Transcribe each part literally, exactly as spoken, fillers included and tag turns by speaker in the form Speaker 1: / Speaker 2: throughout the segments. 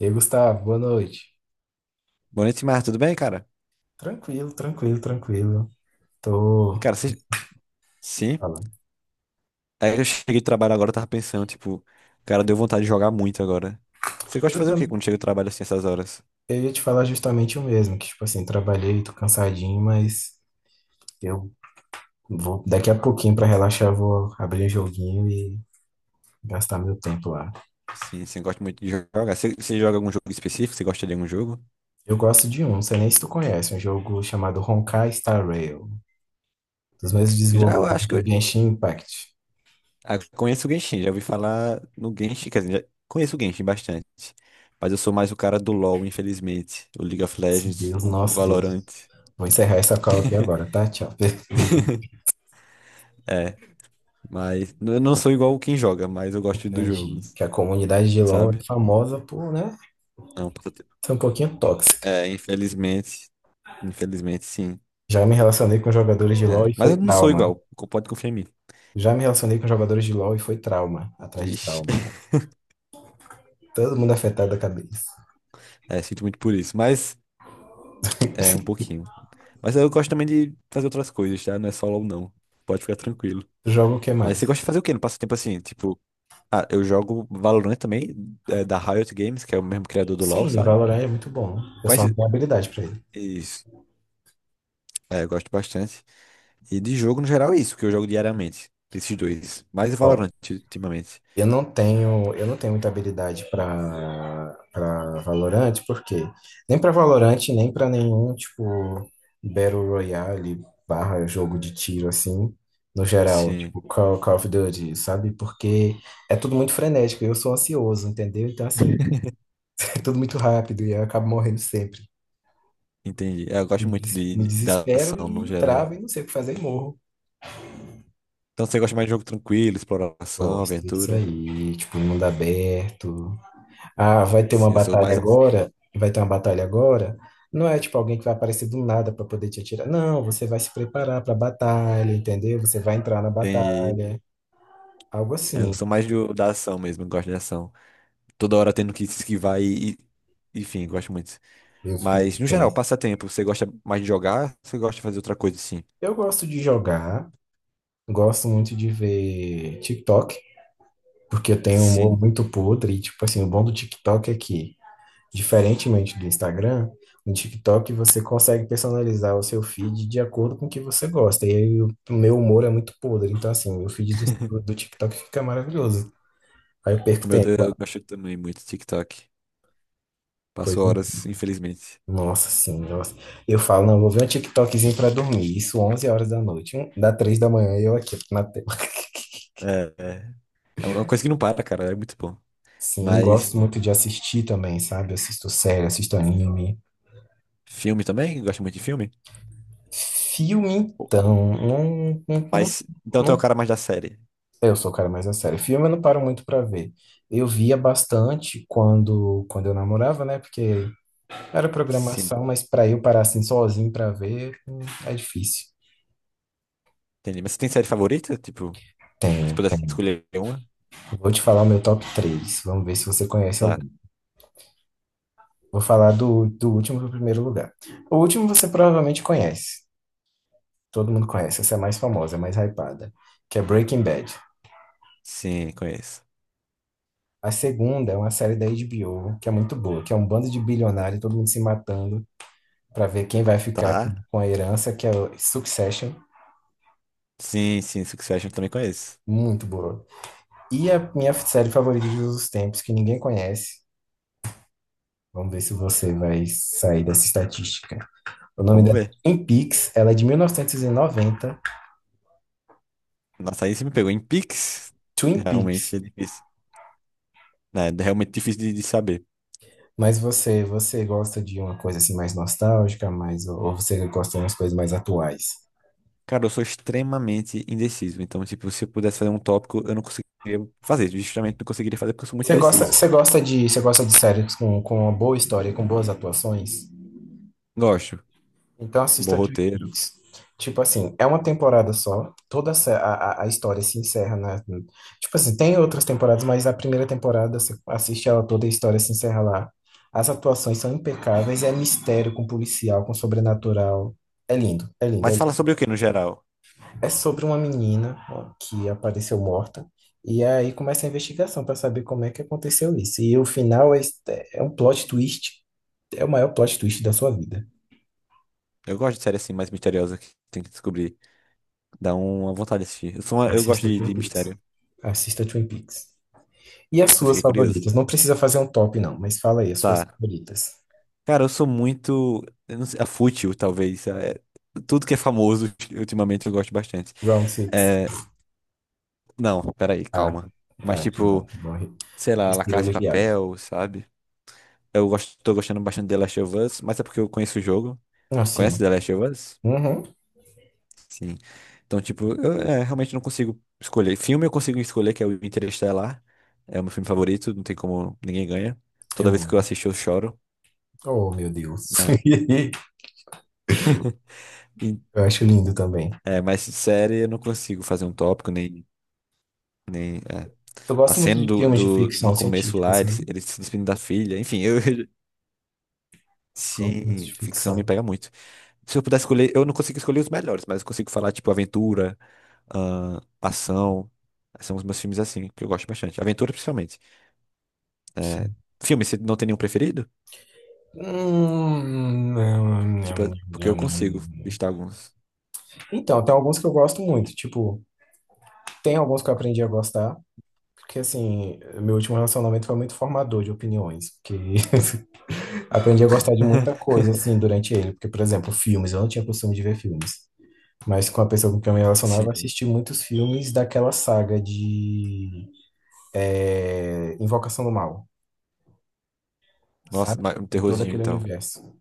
Speaker 1: E aí, Gustavo, boa noite.
Speaker 2: Boa noite, Mar. Tudo bem, cara?
Speaker 1: Tranquilo, tranquilo, tranquilo.
Speaker 2: E,
Speaker 1: Tô
Speaker 2: Cara, vocês... Sim.
Speaker 1: falando.
Speaker 2: Aí eu cheguei do trabalho agora, eu tava pensando, tipo, cara, deu vontade de jogar muito agora. Você gosta de
Speaker 1: Eu,
Speaker 2: fazer o quê quando
Speaker 1: tam-
Speaker 2: chega do trabalho assim, essas horas?
Speaker 1: eu ia te falar justamente o mesmo, que tipo assim, trabalhei, tô cansadinho, mas eu vou daqui a pouquinho pra relaxar, eu vou abrir um joguinho e gastar meu tempo lá.
Speaker 2: Sim, você gosta muito de jogar. Você, você joga algum jogo específico? Você gosta de algum jogo?
Speaker 1: Eu gosto de um, não sei nem se tu conhece, um jogo chamado Honkai Star Rail, dos mesmos
Speaker 2: Já eu
Speaker 1: desenvolvedores
Speaker 2: acho que
Speaker 1: de
Speaker 2: eu
Speaker 1: Genshin Impact.
Speaker 2: ah, conheço o Genshin, já ouvi falar no Genshin, quer dizer, já conheço o Genshin bastante. Mas eu sou mais o cara do LoL, infelizmente. O League of
Speaker 1: Nosso
Speaker 2: Legends,
Speaker 1: Deus,
Speaker 2: o o
Speaker 1: nosso Deus.
Speaker 2: Valorant.
Speaker 1: Vou encerrar essa call aqui agora, tá? Tchau. Obrigado.
Speaker 2: É, mas eu não sou igual quem joga, mas eu gosto do jogo,
Speaker 1: Entendi. Que é a comunidade de LoL é
Speaker 2: sabe?
Speaker 1: famosa por, né?
Speaker 2: Não,
Speaker 1: Foi um pouquinho tóxica.
Speaker 2: é, infelizmente. Infelizmente, sim.
Speaker 1: Já me relacionei com jogadores de
Speaker 2: É,
Speaker 1: LoL e
Speaker 2: mas
Speaker 1: foi
Speaker 2: eu não sou
Speaker 1: trauma.
Speaker 2: igual. co- Pode confiar em mim.
Speaker 1: Já me relacionei com jogadores de LoL e foi trauma, atrás de
Speaker 2: Vixe.
Speaker 1: trauma. Todo mundo afetado da cabeça.
Speaker 2: É, sinto muito por isso. Mas é um pouquinho. Mas eu gosto também de fazer outras coisas, tá? Não é só LoL, não. Pode ficar tranquilo.
Speaker 1: Jogo o que
Speaker 2: Mas você
Speaker 1: mais?
Speaker 2: gosta de fazer o quê no passatempo assim? Tipo, ah, eu jogo Valorant também, é, da Riot Games, que é o mesmo criador do LoL,
Speaker 1: Sim,
Speaker 2: sabe?
Speaker 1: Valorant é muito bom. Eu só
Speaker 2: Quais.
Speaker 1: não tenho habilidade pra ele.
Speaker 2: Isso. É, eu gosto bastante. E de jogo, no geral, é isso, que eu jogo diariamente. Esses dois. Mais
Speaker 1: Ó,
Speaker 2: Valorant ultimamente.
Speaker 1: Eu não tenho, eu não tenho muita habilidade para para Valorant, porque nem para Valorant, nem para nenhum tipo Battle Royale barra jogo de tiro assim, no geral,
Speaker 2: Sim.
Speaker 1: tipo Call, Call of Duty, sabe? Porque é tudo muito frenético, eu sou ansioso, entendeu? Então assim, é tudo muito rápido e eu acabo morrendo sempre.
Speaker 2: Entendi. É, eu gosto
Speaker 1: Me
Speaker 2: muito
Speaker 1: des- me
Speaker 2: de, da
Speaker 1: desespero
Speaker 2: ação no
Speaker 1: e
Speaker 2: geral.
Speaker 1: travo e não sei o que fazer e morro.
Speaker 2: Então você gosta mais de jogo tranquilo, exploração,
Speaker 1: Gosto é isso
Speaker 2: aventura?
Speaker 1: aí, tipo, mundo aberto. Ah, vai ter uma
Speaker 2: Sim, eu sou
Speaker 1: batalha
Speaker 2: mais ação.
Speaker 1: agora, vai ter uma batalha agora. Não é tipo alguém que vai aparecer do nada para poder te atirar. Não, você vai se preparar para a batalha, entendeu? Você vai entrar na
Speaker 2: Entendi.
Speaker 1: batalha, algo
Speaker 2: É, eu
Speaker 1: assim.
Speaker 2: sou mais do, da ação mesmo, eu gosto de ação. Toda hora tendo que se esquivar e, e- Enfim, gosto muito.
Speaker 1: Eu fico
Speaker 2: Mas, no geral,
Speaker 1: tenso.
Speaker 2: passatempo, você gosta mais de jogar? Você gosta de fazer outra coisa, sim?
Speaker 1: Eu gosto de jogar, gosto muito de ver TikTok, porque eu tenho um humor
Speaker 2: Sim.
Speaker 1: muito podre. E, tipo assim, o bom do TikTok é que, diferentemente do Instagram, no TikTok você consegue personalizar o seu feed de acordo com o que você gosta. E aí o o meu humor é muito podre. Então, assim, o feed do, Insta- do TikTok fica maravilhoso. Aí eu
Speaker 2: O
Speaker 1: perco
Speaker 2: meu Deus,
Speaker 1: tempo.
Speaker 2: eu
Speaker 1: Ah,
Speaker 2: gosto também muito de TikTok. Passo
Speaker 1: pois é.
Speaker 2: horas, infelizmente.
Speaker 1: Nossa, sim, nossa. Eu falo, não, vou ver um TikTokzinho pra dormir. Isso onze horas da noite. Hum, Dá três da manhã e eu aqui na tela.
Speaker 2: É, é. É uma coisa que não para, cara. É muito bom.
Speaker 1: Sim,
Speaker 2: Mas
Speaker 1: gosto muito de assistir também, sabe? Assisto série, assisto anime.
Speaker 2: filme também? Gosto muito de filme.
Speaker 1: Filme, então. Não, não, não,
Speaker 2: Mas então tu é o
Speaker 1: não.
Speaker 2: cara mais da série.
Speaker 1: Eu sou o cara mais a sério. Filme eu não paro muito pra ver. Eu via bastante quando, quando eu namorava, né? Porque era
Speaker 2: Sim,
Speaker 1: programação, mas pra eu parar assim sozinho pra ver, hum, é difícil.
Speaker 2: entendi. Mas você tem série favorita? Tipo, se
Speaker 1: Tem,
Speaker 2: pudesse
Speaker 1: tem.
Speaker 2: escolher uma?
Speaker 1: Vou te falar o meu top três. Vamos ver se você conhece
Speaker 2: Tá.
Speaker 1: algum. Vou falar do, do último pro primeiro lugar. O último você provavelmente conhece. Todo mundo conhece. Essa é a mais famosa, a mais hypada. Que é Breaking Bad.
Speaker 2: Sim, conheço.
Speaker 1: A segunda é uma série da H B O, que é muito boa, que é um bando de bilionário, todo mundo se matando para ver quem vai ficar com
Speaker 2: Tá.
Speaker 1: com a herança, que é o Succession,
Speaker 2: Sim, sim, Succession eu também conheço.
Speaker 1: muito boa. E a minha série favorita de todos os tempos, que ninguém conhece. Vamos ver se você vai sair dessa estatística. O nome
Speaker 2: Vamos
Speaker 1: dela
Speaker 2: ver.
Speaker 1: é Twin Peaks, ela é de mil novecentos e noventa.
Speaker 2: Nossa, aí você me pegou. Em Pix,
Speaker 1: Twin
Speaker 2: realmente
Speaker 1: Peaks.
Speaker 2: é difícil. Né? É realmente difícil de, de saber.
Speaker 1: Mas você, você, gosta de uma coisa assim mais nostálgica, mais, ou ou você gosta de umas coisas mais atuais?
Speaker 2: Cara, eu sou extremamente indeciso. Então, tipo, se eu pudesse fazer um tópico, eu não conseguiria fazer. Justamente não conseguiria fazer porque eu sou muito
Speaker 1: Você gosta,
Speaker 2: indeciso.
Speaker 1: você gosta de, você gosta de séries com, com uma boa história, com boas atuações?
Speaker 2: Gosto.
Speaker 1: Então
Speaker 2: Bom
Speaker 1: assista Twin
Speaker 2: roteiro.
Speaker 1: Peaks. Tipo assim, é uma temporada só, toda a, se- a, a- a história se encerra na. Tipo assim, tem outras temporadas, mas a primeira temporada, você assiste ela toda, a história se encerra lá. As atuações são impecáveis, é mistério com policial, com sobrenatural. É lindo, é lindo, é
Speaker 2: Mas
Speaker 1: lindo.
Speaker 2: fala sobre o que no geral?
Speaker 1: É sobre uma menina, ó, que apareceu morta, e aí começa a investigação para saber como é que aconteceu isso. E o final é, é um plot twist, é o maior plot twist da sua vida.
Speaker 2: Eu gosto de série assim mais misteriosa que tem que descobrir. Dá uma vontade de assistir. Eu, sou uma- eu gosto
Speaker 1: Assista
Speaker 2: de,
Speaker 1: Twin
Speaker 2: de
Speaker 1: Peaks.
Speaker 2: mistério.
Speaker 1: Assista Twin Peaks. E as
Speaker 2: Eu
Speaker 1: suas
Speaker 2: fiquei curioso.
Speaker 1: favoritas? Não precisa fazer um top, não, mas fala aí as suas
Speaker 2: Tá.
Speaker 1: favoritas.
Speaker 2: Cara, eu sou muito. Eu não sei, a fútil, talvez. É, tudo que é famoso, ultimamente, eu gosto bastante.
Speaker 1: Round six.
Speaker 2: É, não, peraí,
Speaker 1: Ah,
Speaker 2: calma. Mas,
Speaker 1: ah, que bom,
Speaker 2: tipo,
Speaker 1: que bom.
Speaker 2: sei lá, La
Speaker 1: Respiro
Speaker 2: Casa de
Speaker 1: aliviado.
Speaker 2: Papel, sabe? Eu gosto, tô gostando bastante de The Last of Us, mas é porque eu conheço o jogo. Conhece
Speaker 1: Assim,
Speaker 2: The Last of Us?
Speaker 1: uhum,
Speaker 2: Sim. Então, tipo, eu é, realmente não consigo escolher. Filme eu consigo escolher, que é o Interestelar. É o meu filme favorito, não tem como, ninguém ganha. Toda
Speaker 1: eu
Speaker 2: vez que eu
Speaker 1: amo.
Speaker 2: assisto, eu choro.
Speaker 1: Oh, meu Deus.
Speaker 2: E-
Speaker 1: Eu acho lindo também.
Speaker 2: É, mas série eu não consigo fazer um tópico, nem, nem, é.
Speaker 1: Eu
Speaker 2: A
Speaker 1: gosto muito
Speaker 2: cena
Speaker 1: de
Speaker 2: do,
Speaker 1: filmes de
Speaker 2: do, no
Speaker 1: ficção
Speaker 2: começo
Speaker 1: científica,
Speaker 2: lá, ele,
Speaker 1: sabe?
Speaker 2: se- ele se despedindo da filha, enfim, eu, eu-
Speaker 1: Gosto muito
Speaker 2: sim,
Speaker 1: de
Speaker 2: ficção me
Speaker 1: ficção.
Speaker 2: pega muito. Se eu pudesse escolher, eu não consigo escolher os melhores, mas eu consigo falar, tipo, aventura, ah, ação, são os meus filmes assim, que eu gosto bastante. Aventura, principalmente. É, filme, você não tem nenhum preferido?
Speaker 1: Hum, nham, nham,
Speaker 2: Tipo, é, porque eu
Speaker 1: nham, nham,
Speaker 2: consigo
Speaker 1: nham.
Speaker 2: listar alguns.
Speaker 1: Então, tem alguns que eu gosto muito. Tipo, tem alguns que eu aprendi a gostar. Porque, assim, meu último relacionamento foi muito formador de opiniões. Porque aprendi a gostar de muita coisa, assim, durante ele. Porque, por exemplo, filmes, eu não tinha costume de ver filmes. Mas com a pessoa com quem eu me relacionava, eu
Speaker 2: Sim.
Speaker 1: assisti muitos filmes daquela saga de é, Invocação do Mal,
Speaker 2: Nossa,
Speaker 1: sabe?
Speaker 2: mas um
Speaker 1: E todo
Speaker 2: terrorzinho,
Speaker 1: aquele
Speaker 2: então.
Speaker 1: universo.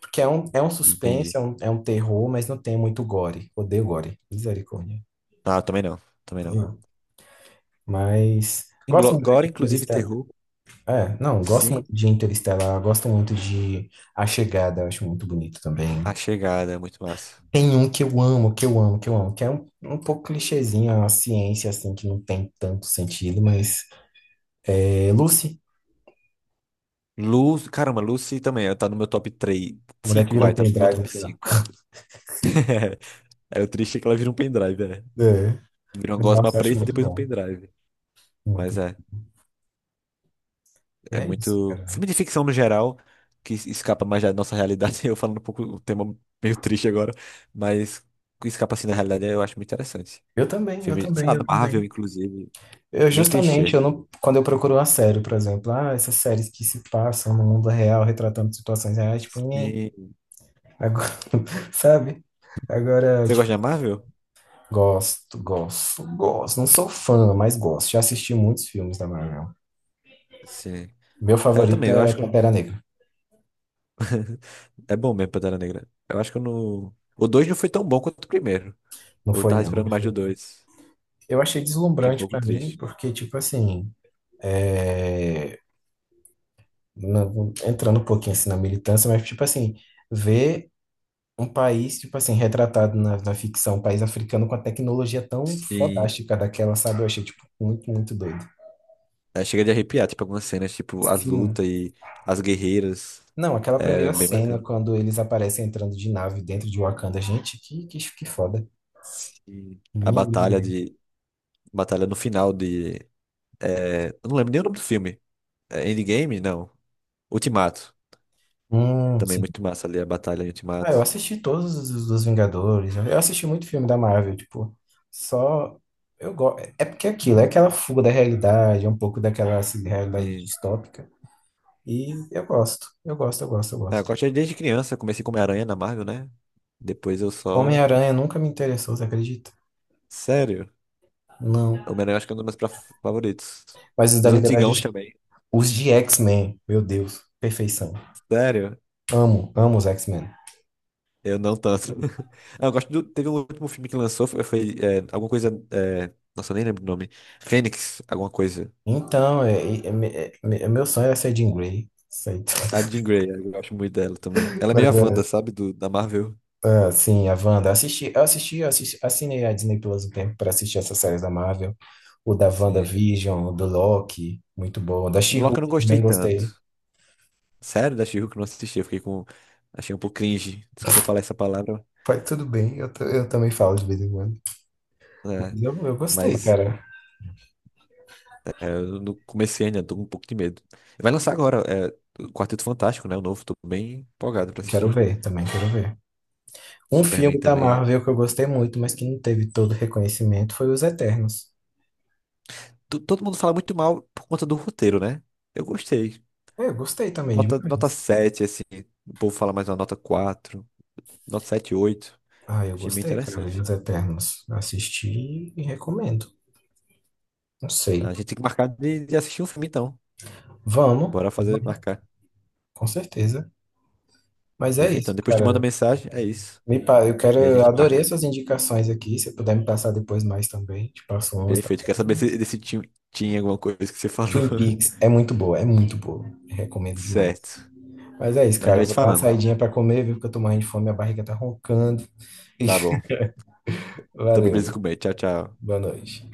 Speaker 1: Porque é um, é um
Speaker 2: Entendi.
Speaker 1: suspense, é um, é um terror, mas não tem muito gore. Odeio gore. Misericórdia.
Speaker 2: Ah, também não, também não.
Speaker 1: Não. Mas gosto
Speaker 2: Inglo-
Speaker 1: muito
Speaker 2: Agora,
Speaker 1: de
Speaker 2: inclusive,
Speaker 1: Interestelar.
Speaker 2: terror.
Speaker 1: É, não, gosto
Speaker 2: Sim,
Speaker 1: muito de Interestelar, gosto muito de A Chegada, eu acho muito bonito também.
Speaker 2: A Chegada é muito massa.
Speaker 1: Tem um que eu amo, que eu amo, que eu amo, que é um, um pouco clichêzinho, a ciência, assim, que não tem tanto sentido, mas é Lucy,
Speaker 2: Lu, caramba, Lucy também, ela tá no meu top três,
Speaker 1: a mulher que
Speaker 2: cinco
Speaker 1: vira um
Speaker 2: vai, tá no meu
Speaker 1: pendrive no
Speaker 2: top
Speaker 1: final.
Speaker 2: cinco. É, o triste é que ela vira um pendrive, né?
Speaker 1: É,
Speaker 2: Vira uma
Speaker 1: mas
Speaker 2: gosma
Speaker 1: nossa, eu acho
Speaker 2: preta e
Speaker 1: muito
Speaker 2: depois um
Speaker 1: bom,
Speaker 2: pendrive. Mas
Speaker 1: muito.
Speaker 2: é,
Speaker 1: E
Speaker 2: é
Speaker 1: é isso,
Speaker 2: muito.
Speaker 1: cara.
Speaker 2: Filme de ficção no geral, que es- escapa mais da nossa realidade. Eu falando um pouco o tema meio triste agora, mas que escapa assim da realidade eu acho muito interessante.
Speaker 1: Eu também, eu
Speaker 2: Filme, sei
Speaker 1: também,
Speaker 2: lá, da
Speaker 1: eu também.
Speaker 2: Marvel, inclusive,
Speaker 1: Eu
Speaker 2: bem
Speaker 1: justamente, eu
Speaker 2: clichê.
Speaker 1: não, quando eu procuro uma série, por exemplo, ah, essas séries que se passam no mundo real, retratando situações reais, tipo, nhe,
Speaker 2: Sim.
Speaker 1: agora, sabe? Agora,
Speaker 2: Você
Speaker 1: tipo,
Speaker 2: gosta de Marvel?
Speaker 1: gosto, gosto, gosto. Não sou fã, mas gosto. Já assisti muitos filmes da Marvel.
Speaker 2: Sim.
Speaker 1: Meu
Speaker 2: É, eu
Speaker 1: favorito
Speaker 2: também, eu
Speaker 1: é
Speaker 2: acho que
Speaker 1: Pantera Negra.
Speaker 2: é bom mesmo, Pantera Negra. Eu acho que eu não. O dois não foi tão bom quanto o primeiro.
Speaker 1: Não
Speaker 2: Eu
Speaker 1: foi,
Speaker 2: tava
Speaker 1: não,
Speaker 2: esperando
Speaker 1: não
Speaker 2: mais do
Speaker 1: foi.
Speaker 2: dois,
Speaker 1: Eu achei
Speaker 2: fiquei um
Speaker 1: deslumbrante
Speaker 2: pouco
Speaker 1: pra mim,
Speaker 2: triste.
Speaker 1: porque, tipo assim, é, não- entrando um pouquinho assim na militância, mas, tipo assim, ver um país, tipo assim, retratado na, na ficção, um país africano com a tecnologia tão
Speaker 2: Sim.
Speaker 1: fodástica daquela, sabe? Eu achei, tipo, muito, muito doido.
Speaker 2: É, chega de arrepiar, tipo, algumas cenas, tipo, as lutas
Speaker 1: Sim.
Speaker 2: e as guerreiras.
Speaker 1: Não, aquela
Speaker 2: É
Speaker 1: primeira
Speaker 2: bem
Speaker 1: cena,
Speaker 2: bacana.
Speaker 1: quando eles aparecem entrando de nave dentro de Wakanda, gente, que, que, que foda.
Speaker 2: Sim. A
Speaker 1: Lindo,
Speaker 2: batalha
Speaker 1: lindo.
Speaker 2: de. Batalha no final de. é, Eu não lembro nem o nome do filme. É Endgame? Não. Ultimato.
Speaker 1: Hum,
Speaker 2: Também muito massa ali a batalha em
Speaker 1: Ah, eu
Speaker 2: Ultimato.
Speaker 1: assisti todos os dos Vingadores. Eu eu assisti muito filme da Marvel, tipo, só eu gosto. É porque é aquilo, é aquela fuga da realidade, é um pouco daquela assim, realidade
Speaker 2: E...
Speaker 1: distópica. E eu gosto, eu gosto, eu gosto, eu
Speaker 2: Ah, eu
Speaker 1: gosto.
Speaker 2: gosto desde criança, comecei como Aranha na Marvel, né? Depois eu só.
Speaker 1: Homem-Aranha nunca me interessou, você acredita?
Speaker 2: Sério?
Speaker 1: Não.
Speaker 2: O Homem-Aranha eu acho que é um dos meus pra- favoritos.
Speaker 1: Mas os da
Speaker 2: Os
Speaker 1: Liga da
Speaker 2: antigãos
Speaker 1: Justiça,
Speaker 2: também.
Speaker 1: os de X-Men, meu Deus, perfeição.
Speaker 2: Sério?
Speaker 1: Amo, amo os X-Men.
Speaker 2: Eu não tanto. Ah, eu gosto do. Teve um último filme que lançou, foi, foi, é, alguma coisa. é, Nossa, eu nem lembro o nome. Fênix, alguma coisa.
Speaker 1: Então, é, é- é- é- é- meu sonho era ser Jean Grey. Isso aí.
Speaker 2: A Jean Grey, eu gosto muito dela também. Ela é meio a Wanda, sabe? Do, da Marvel.
Speaker 1: Ah, sim, a Wanda. Assisti, eu assisti, eu assisti, assinei a Disney Plus um tempo para assistir essas séries da Marvel. O da
Speaker 2: Sim.
Speaker 1: WandaVision, o do Loki, muito bom. O da
Speaker 2: Bloco eu
Speaker 1: She-Hulk,
Speaker 2: não gostei
Speaker 1: também
Speaker 2: tanto.
Speaker 1: gostei.
Speaker 2: Sério, da She-Hulk eu não assisti. Eu fiquei com. Achei um pouco cringe. Desculpa falar essa palavra.
Speaker 1: Foi tudo bem, eu, ta- eu também falo de vez em quando.
Speaker 2: Né?
Speaker 1: Mas eu, eu gostei,
Speaker 2: Mas
Speaker 1: cara.
Speaker 2: eu não comecei ainda, tô com um pouco de medo. Vai lançar agora, é, o Quarteto Fantástico, né? O novo, tô bem empolgado pra
Speaker 1: Quero
Speaker 2: assistir.
Speaker 1: ver, também quero ver. Um
Speaker 2: Superman
Speaker 1: filme da
Speaker 2: também.
Speaker 1: Marvel que eu gostei muito, mas que não teve todo o reconhecimento, foi Os Eternos.
Speaker 2: To- Todo mundo fala muito mal por conta do roteiro, né? Eu gostei.
Speaker 1: É, eu gostei também
Speaker 2: Nota, nota
Speaker 1: demais.
Speaker 2: sete assim. O povo fala mais uma nota quatro, nota sete, oito.
Speaker 1: Ah, eu
Speaker 2: Achei bem
Speaker 1: gostei, cara, de
Speaker 2: interessante.
Speaker 1: Os Eternos. Assisti e recomendo. Não
Speaker 2: A
Speaker 1: sei.
Speaker 2: gente tem que marcar de, de assistir um filme, então.
Speaker 1: Vamos,
Speaker 2: Bora fazer, marcar.
Speaker 1: com certeza. Mas é
Speaker 2: Perfeito. Então,
Speaker 1: isso,
Speaker 2: depois te manda
Speaker 1: cara.
Speaker 2: mensagem, é isso.
Speaker 1: Me, pa- eu quero,
Speaker 2: E a
Speaker 1: eu
Speaker 2: gente
Speaker 1: adorei
Speaker 2: marca.
Speaker 1: essas indicações aqui. Se puder me passar depois mais também, te passo umas
Speaker 2: Perfeito.
Speaker 1: também.
Speaker 2: Quer saber se desse tinha, tinha, alguma coisa que você falou?
Speaker 1: Twin Peaks é muito boa, é muito boa. Recomendo demais.
Speaker 2: Certo.
Speaker 1: Mas é isso,
Speaker 2: A gente
Speaker 1: cara.
Speaker 2: vai te
Speaker 1: Vou dar uma
Speaker 2: falando.
Speaker 1: saidinha pra comer, viu? Porque eu tô morrendo de fome, minha barriga tá roncando.
Speaker 2: Tá bom. Também preciso
Speaker 1: Valeu.
Speaker 2: comer. Tchau, tchau.
Speaker 1: Boa noite.